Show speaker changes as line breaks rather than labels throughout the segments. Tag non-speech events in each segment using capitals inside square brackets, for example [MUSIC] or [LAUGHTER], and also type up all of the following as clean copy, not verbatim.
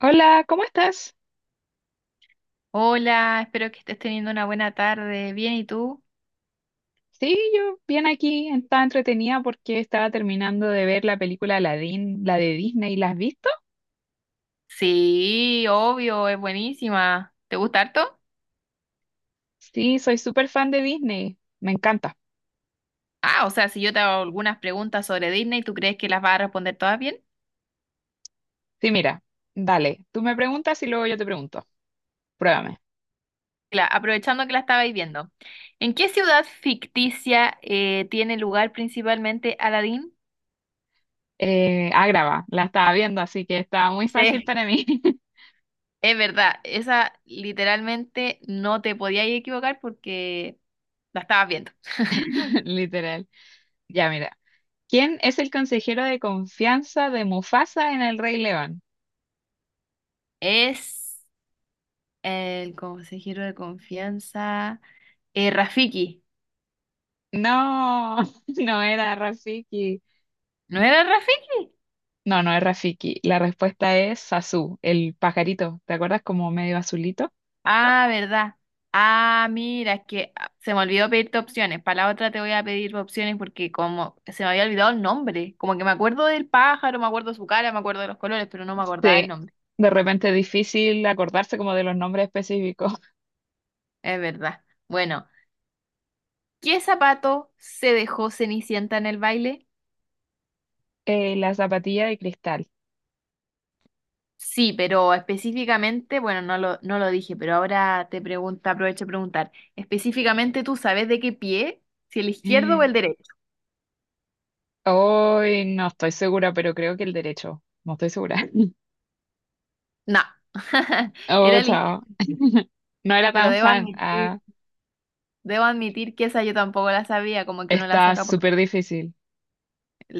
Hola, ¿cómo estás?
Hola, espero que estés teniendo una buena tarde. Bien, ¿y tú?
Sí, yo bien aquí, estaba entretenida porque estaba terminando de ver la película Aladdin, la de Disney. ¿La has visto?
Sí, obvio, es buenísima. ¿Te gusta harto?
Sí, soy súper fan de Disney, me encanta.
Ah, o sea, si yo te hago algunas preguntas sobre Disney, ¿tú crees que las vas a responder todas bien?
Sí, mira, dale, tú me preguntas y luego yo te pregunto. Pruébame.
Aprovechando que la estabais viendo. ¿En qué ciudad ficticia tiene lugar principalmente Aladdin?
Graba, la estaba viendo, así que estaba muy fácil
Sí.
para mí,
Es verdad, esa literalmente no te podías equivocar porque la estabas viendo. [LAUGHS]
[LAUGHS] literal. Ya, mira, ¿quién es el consejero de confianza de Mufasa en El Rey León?
Es el consejero de confianza. Rafiki.
No, [LAUGHS] no era Rafiki.
¿No era Rafiki?
No, no es Rafiki. La respuesta es Sasu, el pajarito. ¿Te acuerdas como medio azulito?
Ah, verdad. Ah, mira, es que se me olvidó pedirte opciones. Para la otra te voy a pedir opciones porque como se me había olvidado el nombre. Como que me acuerdo del pájaro, me acuerdo su cara, me acuerdo de los colores, pero no me acordaba el
Sí.
nombre.
De repente es difícil acordarse como de los nombres específicos. [LAUGHS]
Es verdad. Bueno, ¿qué zapato se dejó Cenicienta en el baile?
La zapatilla de cristal.
Sí, pero específicamente, bueno, no lo dije, pero ahora te pregunta, aprovecho a preguntar. Específicamente, ¿tú sabes de qué pie? ¿Si el izquierdo o el
[GASPS]
derecho?
Hoy no estoy segura, pero creo que el derecho. No estoy segura. [LAUGHS]
No, [LAUGHS]
Oh,
era lista,
chao. [LAUGHS] No era
pero
tan
debo
fan.
admitir,
Ah,
debo admitir que esa yo tampoco la sabía, como que uno la
está
saca por.
súper difícil.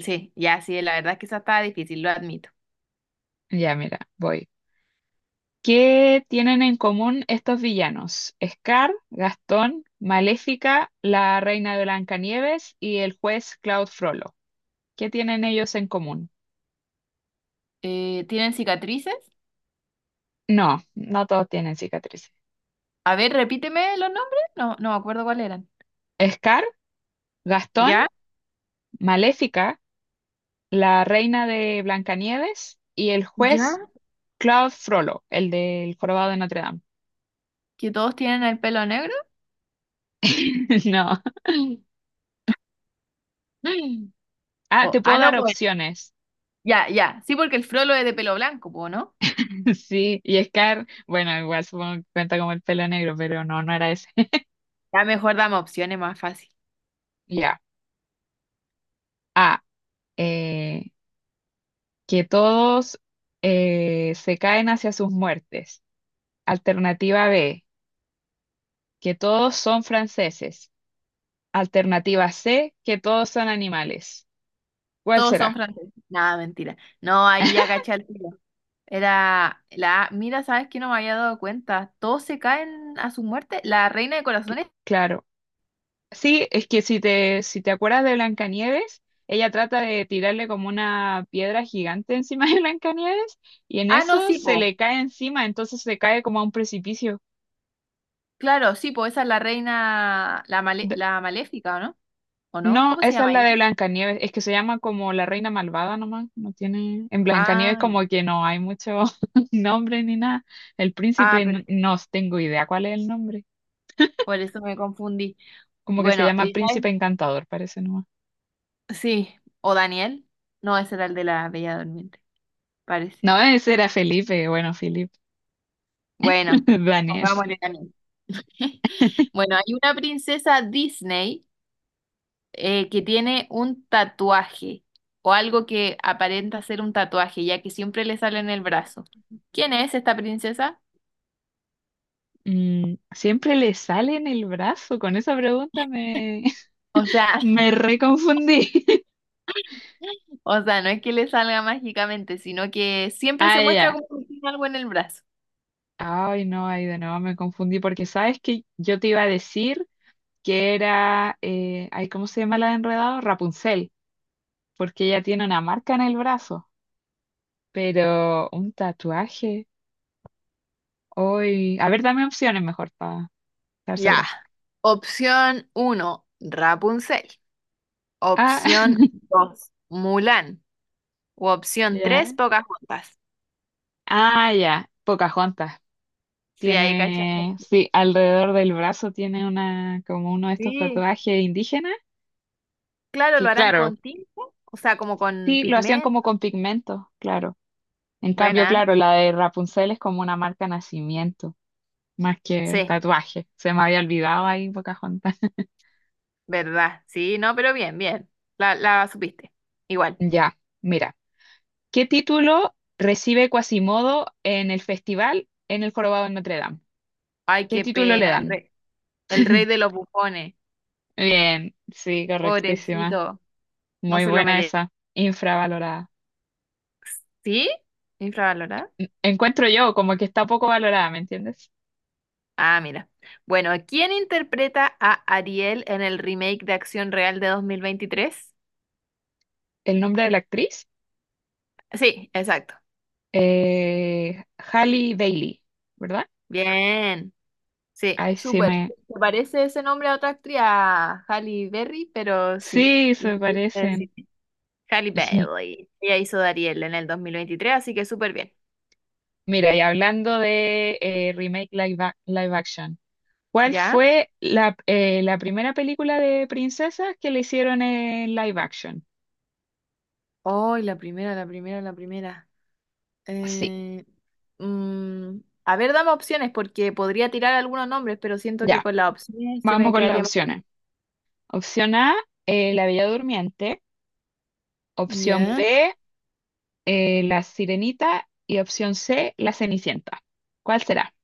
Sí, ya sí, la verdad es que esa estaba difícil, lo admito.
Ya, mira, voy. ¿Qué tienen en común estos villanos? Scar, Gastón, Maléfica, la reina de Blancanieves y el juez Claude Frollo. ¿Qué tienen ellos en común?
¿Tienen cicatrices?
No, no todos tienen cicatrices.
A ver, repíteme los nombres. No, no me acuerdo cuáles eran.
Scar, Gastón,
¿Ya?
Maléfica, la reina de Blancanieves y el juez
¿Ya?
Claude Frollo, el del jorobado de Notre Dame.
¿Que todos tienen el pelo negro? [GASPS]
[LAUGHS] No.
Mm.
Ah, te puedo
No,
dar
pues
opciones.
ya, ya. Sí, porque el Frollo es de pelo blanco, po, ¿no?
[LAUGHS] Sí, y Scar, bueno, igual supongo que cuenta como el pelo negro, pero no, no era ese.
Ya mejor dame opciones más fácil.
[LAUGHS] Ya. A. eh, que todos se caen hacia sus muertes. Alternativa B. Que todos son franceses. Alternativa C. Que todos son animales. ¿Cuál
Todos son
será?
franceses. Nada, mentira. No, ahí ya caché al tiro. Mira, ¿sabes que no me había dado cuenta? Todos se caen a su muerte. La reina de corazones.
Claro. Sí, es que si te acuerdas de Blancanieves, ella trata de tirarle como una piedra gigante encima de Blancanieves y en
Ah, no,
eso
sí,
se
po.
le cae encima, entonces se cae como a un precipicio.
Claro, sí, po. Esa es la reina, la maléfica, ¿o no? ¿O no?
No,
¿Cómo se
esa es
llama
la de
ella?
Blancanieves. Es que se llama como la reina malvada nomás. No tiene. En Blancanieves
Ah, ya.
como que no hay mucho [LAUGHS] nombre ni nada. El
Ah,
príncipe
perfecto.
no, tengo idea cuál es el nombre.
Por eso me confundí.
Como
Y
que se
bueno,
llama
¿y
Príncipe
sabes?
Encantador, parece nomás.
Sí. ¿O Daniel? No, ese era el de la Bella Durmiente, parece.
No, ese era Felipe, bueno, Felipe,
Bueno,
[LAUGHS] Daniel.
pongámosle Daniel. [LAUGHS] Bueno, hay una princesa Disney que tiene un tatuaje o algo que aparenta ser un tatuaje, ya que siempre le sale en el brazo. ¿Quién es esta princesa?
Mm, siempre le sale en el brazo. Con esa pregunta me, [LAUGHS]
O sea,
me reconfundí. [LAUGHS]
[LAUGHS] o sea, no es que le salga mágicamente, sino que siempre se
Ah,
muestra
ya.
como que tiene algo en el brazo.
Ay, no, ahí de nuevo me confundí porque sabes que yo te iba a decir. Que era, ay, ¿cómo se llama la de Enredado? Rapunzel, porque ella tiene una marca en el brazo, pero un tatuaje. Hoy, a ver, dame opciones mejor para estar
Ya.
segura.
Opción uno, Rapunzel.
Ah,
Opción
[LAUGHS]
dos, Mulan. O opción tres,
ya.
Pocahontas.
Ah, ya. Pocahontas.
Sí, ahí cachas.
Tiene, sí, alrededor del brazo tiene una, como uno de estos
Sí,
tatuajes indígenas,
claro, lo
que
harán
claro,
con tinta, o sea, como con
sí, lo hacían como
pigmento.
con pigmento, claro. En cambio,
Buena.
claro, la de Rapunzel es como una marca nacimiento. Más que
Sí,
tatuaje. Se me había olvidado ahí Pocahontas. [LAUGHS]
¿verdad? Sí, no, pero bien, bien. La supiste. Igual.
Ya, mira. ¿Qué título recibe Quasimodo en el festival en el Jorobado de Notre Dame?
Ay,
¿Qué
qué
título le
pena, el
dan?
rey, el rey de los bufones.
Bien, sí, correctísima.
Pobrecito, no
Muy
se lo
buena
merece.
esa. Infravalorada.
¿Sí? ¿Infravalorado?
Encuentro yo como que está poco valorada, ¿me entiendes?
Ah, mira. Bueno, ¿quién interpreta a Ariel en el remake de Acción Real de 2023?
El nombre de la actriz,
Sí, exacto.
Halle Bailey, ¿verdad?
Bien. Sí,
Ay, sí
súper.
me...
Se parece ese nombre a otra actriz, a Halle Berry, pero sí,
Sí,
lo
se
supiste decir.
parecen.
Halle
[LAUGHS]
Bailey. Ella hizo de Ariel en el 2023, así que súper bien.
Mira, y hablando de remake live, live action, ¿cuál
¿Ya?
fue la primera película de princesas que le hicieron en live action?
Ay, la primera.
Sí.
Eh, mm, a ver, dame opciones porque podría tirar algunos nombres, pero siento que
Ya,
con las opciones se
vamos
me
con las
quedaría mejor.
opciones. Opción A, La Bella Durmiente. Opción
Ya.
B, La Sirenita. Y opción C, La Cenicienta. ¿Cuál será?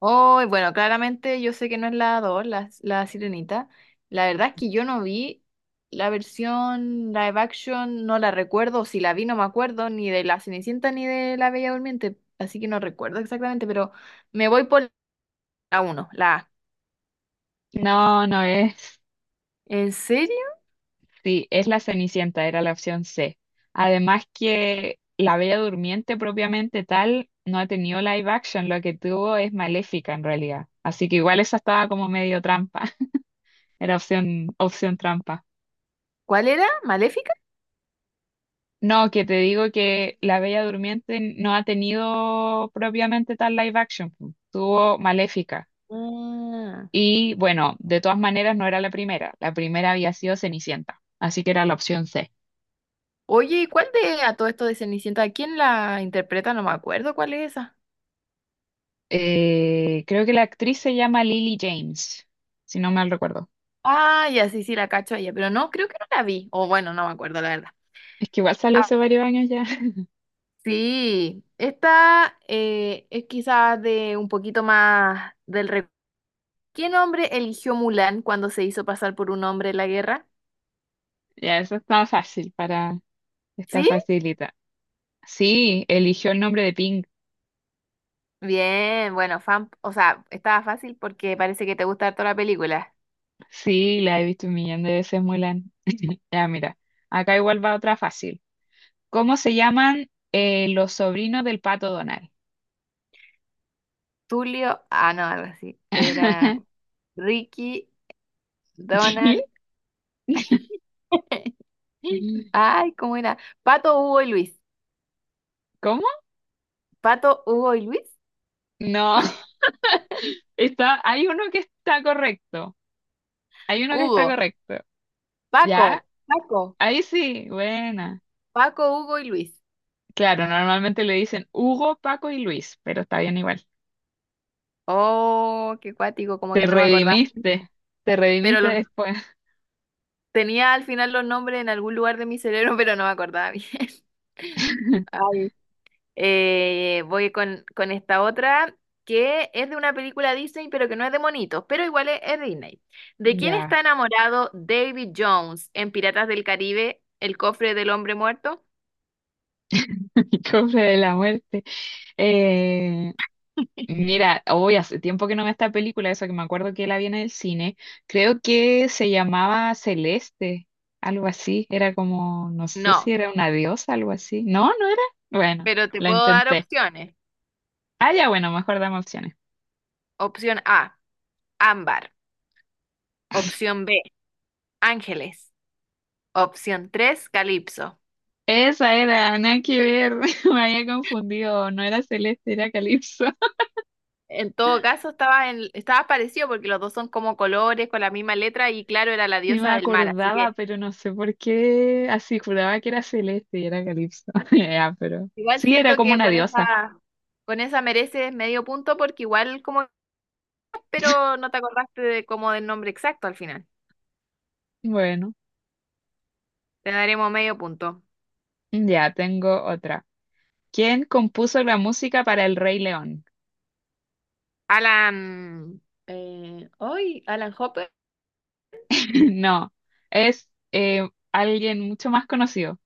Ay, bueno, claramente yo sé que no es la 2, la Sirenita. La verdad es que yo no vi la versión live action, no la recuerdo. Si la vi, no me acuerdo ni de la Cenicienta ni de la Bella Durmiente. Así que no recuerdo exactamente, pero me voy por la uno. La A.
No, no es.
¿En serio?
Sí, es La Cenicienta, era la opción C. Además que La Bella Durmiente propiamente tal no ha tenido live action, lo que tuvo es Maléfica en realidad. Así que igual esa estaba como medio trampa. Era opción, opción trampa.
¿Cuál era? ¿Maléfica?
No, que te digo que La Bella Durmiente no ha tenido propiamente tal live action, po. Tuvo Maléfica.
Ah.
Y bueno, de todas maneras no era la primera. La primera había sido Cenicienta. Así que era la opción C.
Oye, ¿y cuál de a todo esto de Cenicienta? ¿Quién la interpreta? No me acuerdo cuál es esa.
Creo que la actriz se llama Lily James, si no mal recuerdo.
Ah, ya sí, sí, la cacho a ella, pero no, creo que no la vi. O bueno, no me acuerdo, la verdad.
Es que igual salió
Ah,
hace varios años ya. [LAUGHS]
sí, esta es quizás de un poquito más del recuerdo. ¿Qué nombre eligió Mulan cuando se hizo pasar por un hombre en la guerra?
Ya, eso está fácil para... Está
¿Sí?
facilita. Sí, eligió el nombre de Pink.
Bien, bueno, fan, o sea, estaba fácil porque parece que te gusta toda la película.
Sí, la he visto un millón de veces, Mulan. [LAUGHS] Ya, mira, acá igual va otra fácil. ¿Cómo se llaman los sobrinos del pato Donald?
Tulio, no, algo así. Era
[LAUGHS]
Ricky,
¿Qué?
Donald. [LAUGHS]
[LAUGHS]
Ay, ¿cómo era? Pato, Hugo y Luis.
¿Cómo?
Pato, Hugo y Luis.
No, está, hay uno que está correcto. Hay uno que está
Hugo,
correcto.
Paco,
¿Ya?
Paco,
Ahí sí, buena.
Paco, Hugo y Luis.
Claro, normalmente le dicen Hugo, Paco y Luis, pero está bien igual.
Oh, qué cuático, como
Te
que no me acordaba.
redimiste, te
Pero
redimiste
los
después.
tenía al final los nombres en algún lugar de mi cerebro, [LAUGHS] pero no me acordaba bien. [LAUGHS]
[LAUGHS]
Ay. Voy con esta otra que es de una película Disney, pero que no es de monitos, pero igual es Disney. ¿De quién
Ya,
está enamorado David Jones en Piratas del Caribe, el cofre del hombre muerto?
[LAUGHS] cofre de la muerte. Eh, Mira, hoy hace tiempo que no veo esta película, eso que me acuerdo que la vi en el cine. Creo que se llamaba Celeste, algo así. Era como, no sé
No,
si era una diosa, algo así. No, no era. Bueno,
pero te
la
puedo dar
intenté.
opciones.
Ah, ya, bueno, mejor dame opciones.
Opción A, ámbar. Opción B, ángeles. Opción 3, calipso.
Esa era, nada que ver. [LAUGHS] Me había confundido. No era Celeste, era Calipso. [LAUGHS]
En todo caso, estaba parecido porque los dos son como colores con la misma letra y claro, era la
Sí me
diosa del mar. Así
acordaba,
que
pero no sé por qué. Así juraba que era Celeste y era Calipso. [LAUGHS] Ya, pero
igual
sí, era
siento
como
que
una
con
diosa.
esa, con esa mereces medio punto porque igual como, pero no te acordaste de como del nombre exacto al final.
Bueno,
Te daremos medio punto.
ya tengo otra. ¿Quién compuso la música para El Rey León?
Alan, Alan Hopper,
[CLEARS THROAT] No, es alguien mucho más conocido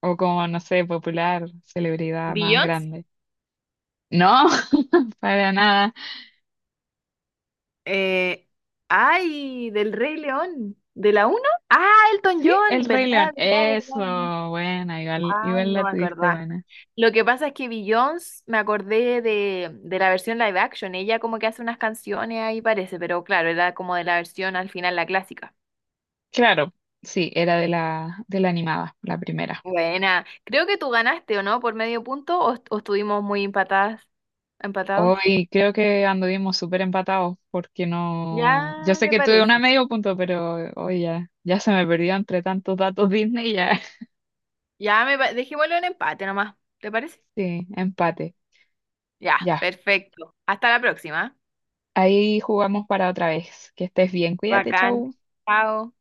o como, no sé, popular, celebridad más
Beyoncé.
grande. No, [LAUGHS] para nada.
Eh, Ay, del Rey León, de la uno. Ah, Elton
Sí, El
John, ¿verdad?
Rey León.
¿Verdad?
Eso,
¿Verdad?
buena, igual,
Ay,
igual la
no me
tuviste
acordaba.
buena.
Lo que pasa es que Beyoncé, me acordé de la versión live action. Ella como que hace unas canciones ahí parece, pero claro, era como de la versión al final, la clásica.
Claro, sí, era de la animada, la primera.
Buena. Creo que tú ganaste, ¿o no? Por medio punto, o estuvimos muy empatados.
Hoy creo que anduvimos súper empatados porque no... Yo
Ya
sé
me
que tuve una
parece.
medio punto, pero hoy ya se me perdió entre tantos datos Disney ya.
Dejémoslo en empate nomás. ¿Te parece?
Sí, empate.
Ya,
Ya,
perfecto. Hasta la próxima.
ahí jugamos para otra vez. Que estés bien, cuídate,
Bacán.
chau.
Chao.